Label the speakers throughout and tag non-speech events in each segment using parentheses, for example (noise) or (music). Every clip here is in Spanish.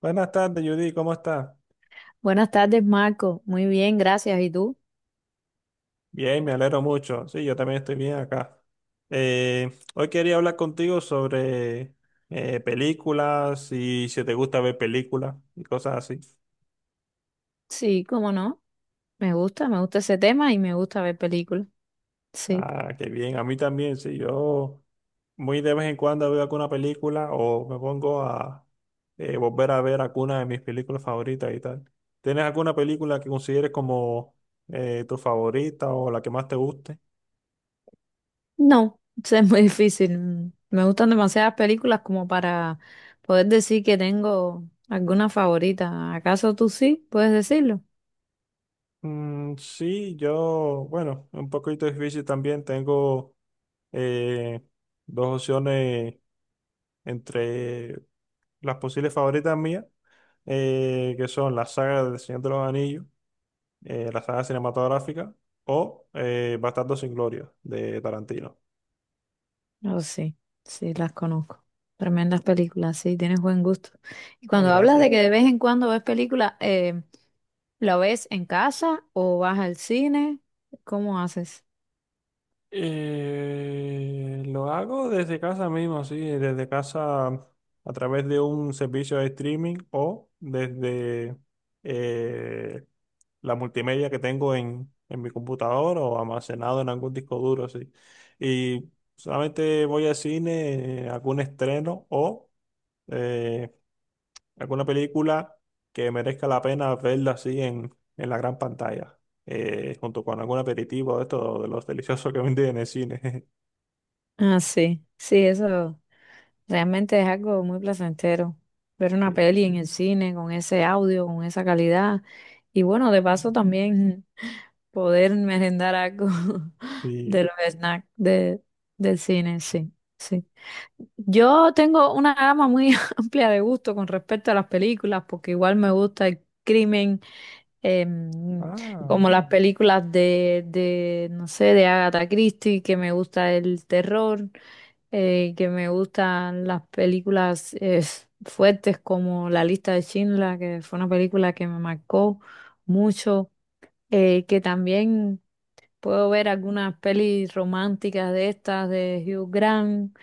Speaker 1: Buenas tardes, Judy, ¿cómo estás?
Speaker 2: Buenas tardes, Marco. Muy bien, gracias. ¿Y tú?
Speaker 1: Bien, me alegro mucho. Sí, yo también estoy bien acá. Hoy quería hablar contigo sobre películas y si te gusta ver películas y cosas así.
Speaker 2: Sí, cómo no. Me gusta ese tema y me gusta ver películas. Sí.
Speaker 1: Ah, qué bien, a mí también, sí, yo muy de vez en cuando veo alguna película o me pongo a volver a ver alguna de mis películas favoritas y tal. ¿Tienes alguna película que consideres como tu favorita o la que más te guste?
Speaker 2: No, (laughs) eso es muy difícil. Me gustan demasiadas películas como para poder decir que tengo alguna favorita. ¿Acaso tú sí? ¿Puedes decirlo?
Speaker 1: Sí, yo, bueno, un poquito difícil también. Tengo eh, dos opciones entre las posibles favoritas mías, que son la saga del Señor de los Anillos, la saga cinematográfica, o Bastardos sin Gloria de Tarantino.
Speaker 2: Oh, sí, sí, las conozco. Tremendas películas, sí, tienes buen gusto. Y
Speaker 1: Ay,
Speaker 2: cuando hablas de
Speaker 1: gracias.
Speaker 2: que de vez en cuando ves películas, ¿la ves en casa o vas al cine? ¿Cómo haces?
Speaker 1: Lo hago desde casa mismo, sí, desde casa a través de un servicio de streaming o desde eh, la multimedia que tengo en mi computador o almacenado en algún disco duro, sí. Y solamente voy al cine, algún estreno o eh, alguna película que merezca la pena verla así en la gran pantalla, junto con algún aperitivo de esto, de los deliciosos que venden en el cine. (laughs)
Speaker 2: Ah, sí, sí, eso. Realmente es algo muy placentero ver una
Speaker 1: Sí,
Speaker 2: peli en el cine con ese audio, con esa calidad. Y bueno, de paso también poder merendar algo (laughs)
Speaker 1: sí.
Speaker 2: de los del cine, sí, sí. Yo tengo una gama muy (laughs) amplia de gusto con respecto a las películas, porque igual me gusta el crimen, em,
Speaker 1: Ah,
Speaker 2: como las películas no sé, de Agatha Christie, que me gusta el terror que me gustan las películas fuertes como La lista de Schindler, que fue una película que me marcó mucho, que también puedo ver algunas pelis románticas de estas de Hugh Grant,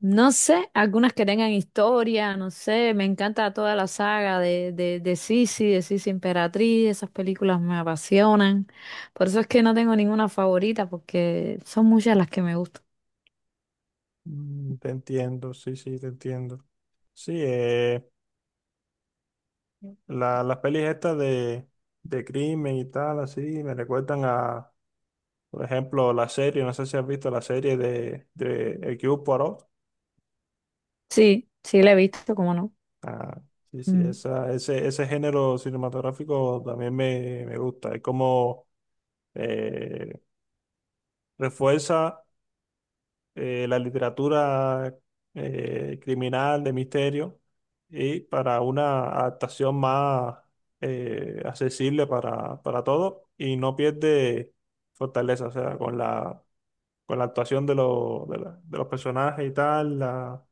Speaker 2: no sé, algunas que tengan historia, no sé, me encanta toda la saga de Sisi, de Sisi Emperatriz, esas películas me apasionan, por eso es que no tengo ninguna favorita porque son muchas las que me gustan.
Speaker 1: te entiendo, sí, sí, te entiendo. Sí, las pelis estas de crimen y tal, así, me recuerdan a, por ejemplo, la serie, no sé si has visto la serie de El Cubo Poirot.
Speaker 2: Sí, sí la he visto, cómo no.
Speaker 1: Ah, sí, sí,
Speaker 2: Mm,
Speaker 1: esa, ese género cinematográfico también me gusta. Es como eh, refuerza. La literatura criminal, de misterio, y para una adaptación más accesible para todos y no pierde fortaleza, o sea, con la actuación de, los de los personajes y tal, la,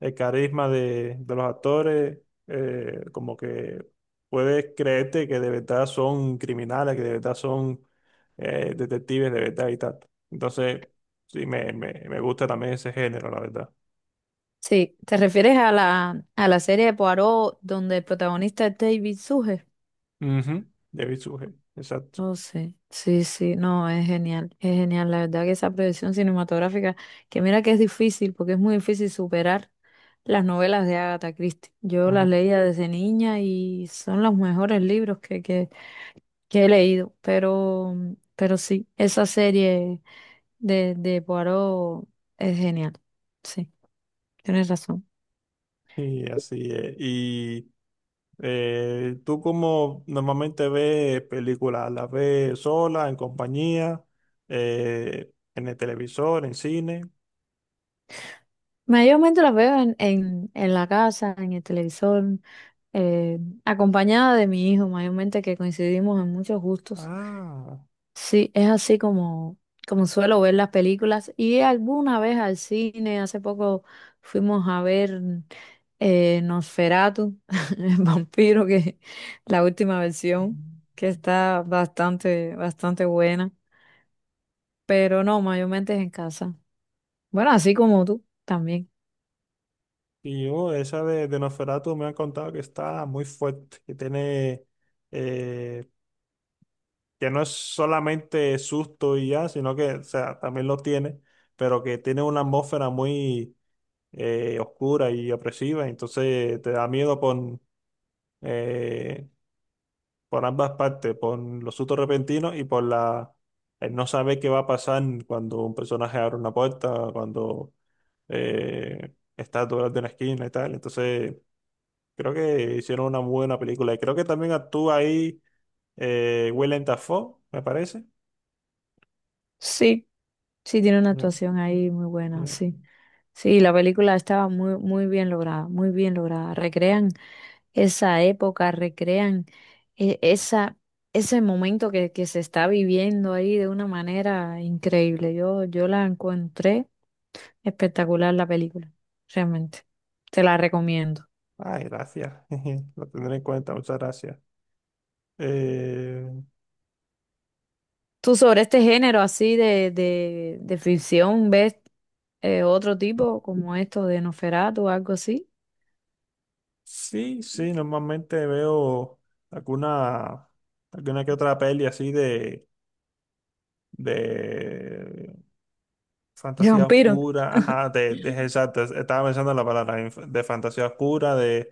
Speaker 1: el carisma de los actores, como que puedes creerte que de verdad son criminales, que de verdad son detectives, de verdad y tal. Entonces, sí, me gusta también ese género, la verdad.
Speaker 2: Sí, ¿te refieres a la serie de Poirot donde el protagonista es David Suge?
Speaker 1: Ujú, David Sujet, exacto.
Speaker 2: Oh, sí, sí, sí, no, es genial, es genial. La verdad que esa producción cinematográfica, que mira que es difícil, porque es muy difícil superar las novelas de Agatha Christie. Yo las
Speaker 1: Ujú.
Speaker 2: leía desde niña y son los mejores libros que he leído, pero, pero sí, esa serie de Poirot es genial. Sí, tienes razón.
Speaker 1: Y así es. Y tú como normalmente ves películas, ¿las ves sola, en compañía, en el televisor, en cine?
Speaker 2: Mayormente las veo en la casa, en el televisor, eh, acompañada de mi hijo, mayormente que coincidimos en muchos gustos.
Speaker 1: Ah.
Speaker 2: Sí, es así como, como suelo ver las películas y alguna vez al cine, hace poco fuimos a ver Nosferatu, (laughs) el vampiro, que la última versión, que está bastante, bastante buena, pero no, mayormente es en casa. Bueno, así como tú también.
Speaker 1: Y yo, esa de Nosferatu me han contado que está muy fuerte, que tiene, eh, que no es solamente susto y ya, sino que, o sea, también lo tiene, pero que tiene una atmósfera muy oscura y opresiva, entonces te da miedo eh, por ambas partes, por los sustos repentinos y por la, el no saber qué va a pasar cuando un personaje abre una puerta, cuando está detrás de una esquina y tal, entonces... Creo que hicieron una muy buena película. Y creo que también actúa ahí Willem Dafoe, me parece.
Speaker 2: Sí, sí, tiene una
Speaker 1: Ya,
Speaker 2: actuación ahí muy buena,
Speaker 1: ya.
Speaker 2: sí. Sí, la película estaba muy, muy bien lograda, muy bien lograda. Recrean esa época, recrean esa, ese momento que se está viviendo ahí de una manera increíble. Yo la encontré espectacular la película, realmente. Te la recomiendo.
Speaker 1: Ay, gracias. (laughs) Lo tendré en cuenta, muchas gracias. Eh,
Speaker 2: ¿Tú sobre este género así de ficción ves otro tipo como esto de Nosferatu o algo así?
Speaker 1: sí, sí, normalmente veo alguna, alguna que otra peli así de
Speaker 2: (laughs) De
Speaker 1: Fantasía
Speaker 2: vampiro.
Speaker 1: oscura, ajá, de, exacto, estaba pensando en la palabra de fantasía oscura, de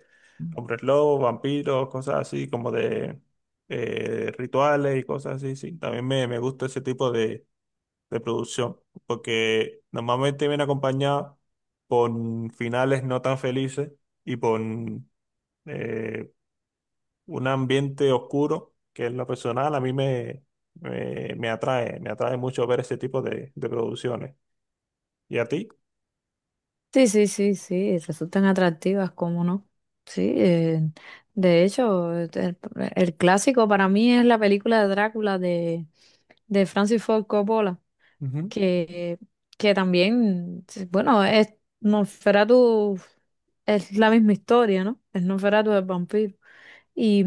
Speaker 1: hombres lobos, vampiros, cosas así, como de rituales y cosas así, sí. También me gusta ese tipo de producción, porque normalmente viene acompañado con finales no tan felices y con eh, un ambiente oscuro, que en lo personal a mí me, me, me atrae mucho ver ese tipo de producciones. ¿Y a ti?
Speaker 2: Sí, sí, sí, sí, resultan atractivas, cómo no. Sí, de hecho, el clásico para mí es la película de Drácula de Francis Ford Coppola, que, que también, sí, bueno, es Nosferatu, es la misma historia, ¿no? Es Nosferatu del vampiro. Y,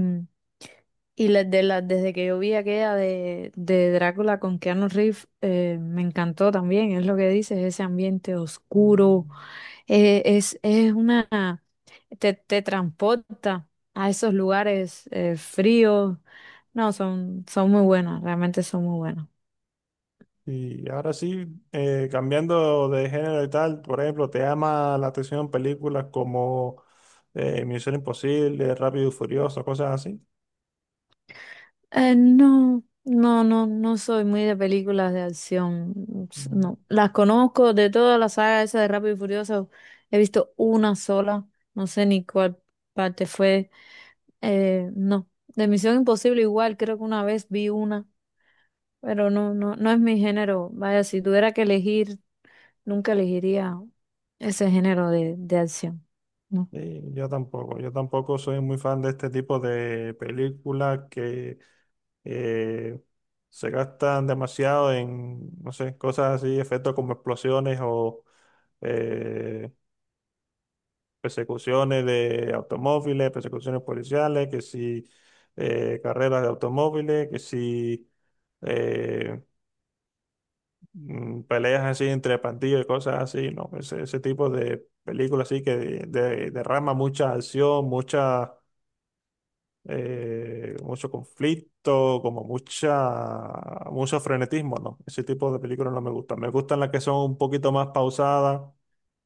Speaker 2: y desde que yo vi aquella de Drácula con Keanu Reeves, me encantó también, es lo que dices, ese ambiente
Speaker 1: Mm.
Speaker 2: oscuro. Es una, te transporta a esos lugares fríos. No, son, son muy buenas, realmente son muy buenas.
Speaker 1: Y ahora sí, cambiando de género y tal, por ejemplo, ¿te llama la atención películas como Misión Imposible, Rápido y Furioso, cosas así?
Speaker 2: No, no, no, no soy muy de películas de acción.
Speaker 1: Mm.
Speaker 2: No, las conozco de toda la saga esa de Rápido y Furioso. He visto una sola, no sé ni cuál parte fue. No, de Misión Imposible igual, creo que una vez vi una, pero no, no, no es mi género. Vaya, si tuviera que elegir nunca elegiría ese género de acción. No.
Speaker 1: Sí, yo tampoco soy muy fan de este tipo de películas que eh, se gastan demasiado en, no sé, cosas así, efectos como explosiones o eh, persecuciones de automóviles, persecuciones policiales, que si carreras de automóviles, que si eh, peleas así entre pandillas y cosas así, ¿no? Ese tipo de películas así que derrama mucha acción, mucha, mucho conflicto, como mucha, mucho frenetismo, ¿no? Ese tipo de películas no me gustan. Me gustan las que son un poquito más pausadas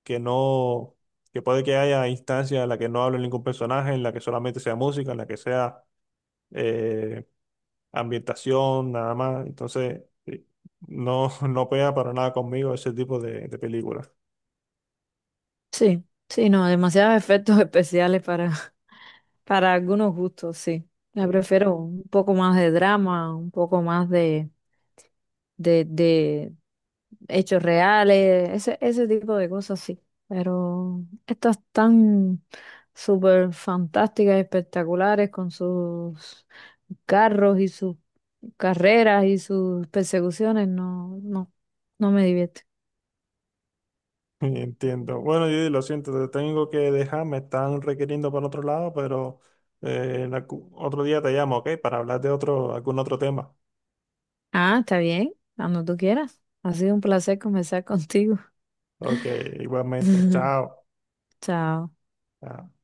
Speaker 1: que no, que puede que haya instancias en las que no hable ningún personaje, en la que solamente sea música, en la que sea eh, ambientación, nada más. Entonces, no, (laughs) no pega para nada conmigo ese tipo de películas.
Speaker 2: Sí, sí, no, demasiados efectos especiales para, (laughs) para algunos gustos, sí. Me
Speaker 1: ¿Sí?
Speaker 2: prefiero un poco más de drama, un poco más de hechos reales, ese tipo de cosas, sí. Pero estas tan súper fantásticas, espectaculares, con sus carros y sus carreras y sus persecuciones, no, no, no me divierte.
Speaker 1: (laughs) Entiendo. Bueno, yo lo siento, te tengo que dejar, me están requiriendo para otro lado, pero en otro día te llamo, ¿ok? Para hablar de otro, algún otro tema.
Speaker 2: Ah, está bien, cuando tú quieras. Ha sido un placer conversar contigo.
Speaker 1: Ok, igualmente.
Speaker 2: (laughs)
Speaker 1: Chao.
Speaker 2: Chao.
Speaker 1: Chao.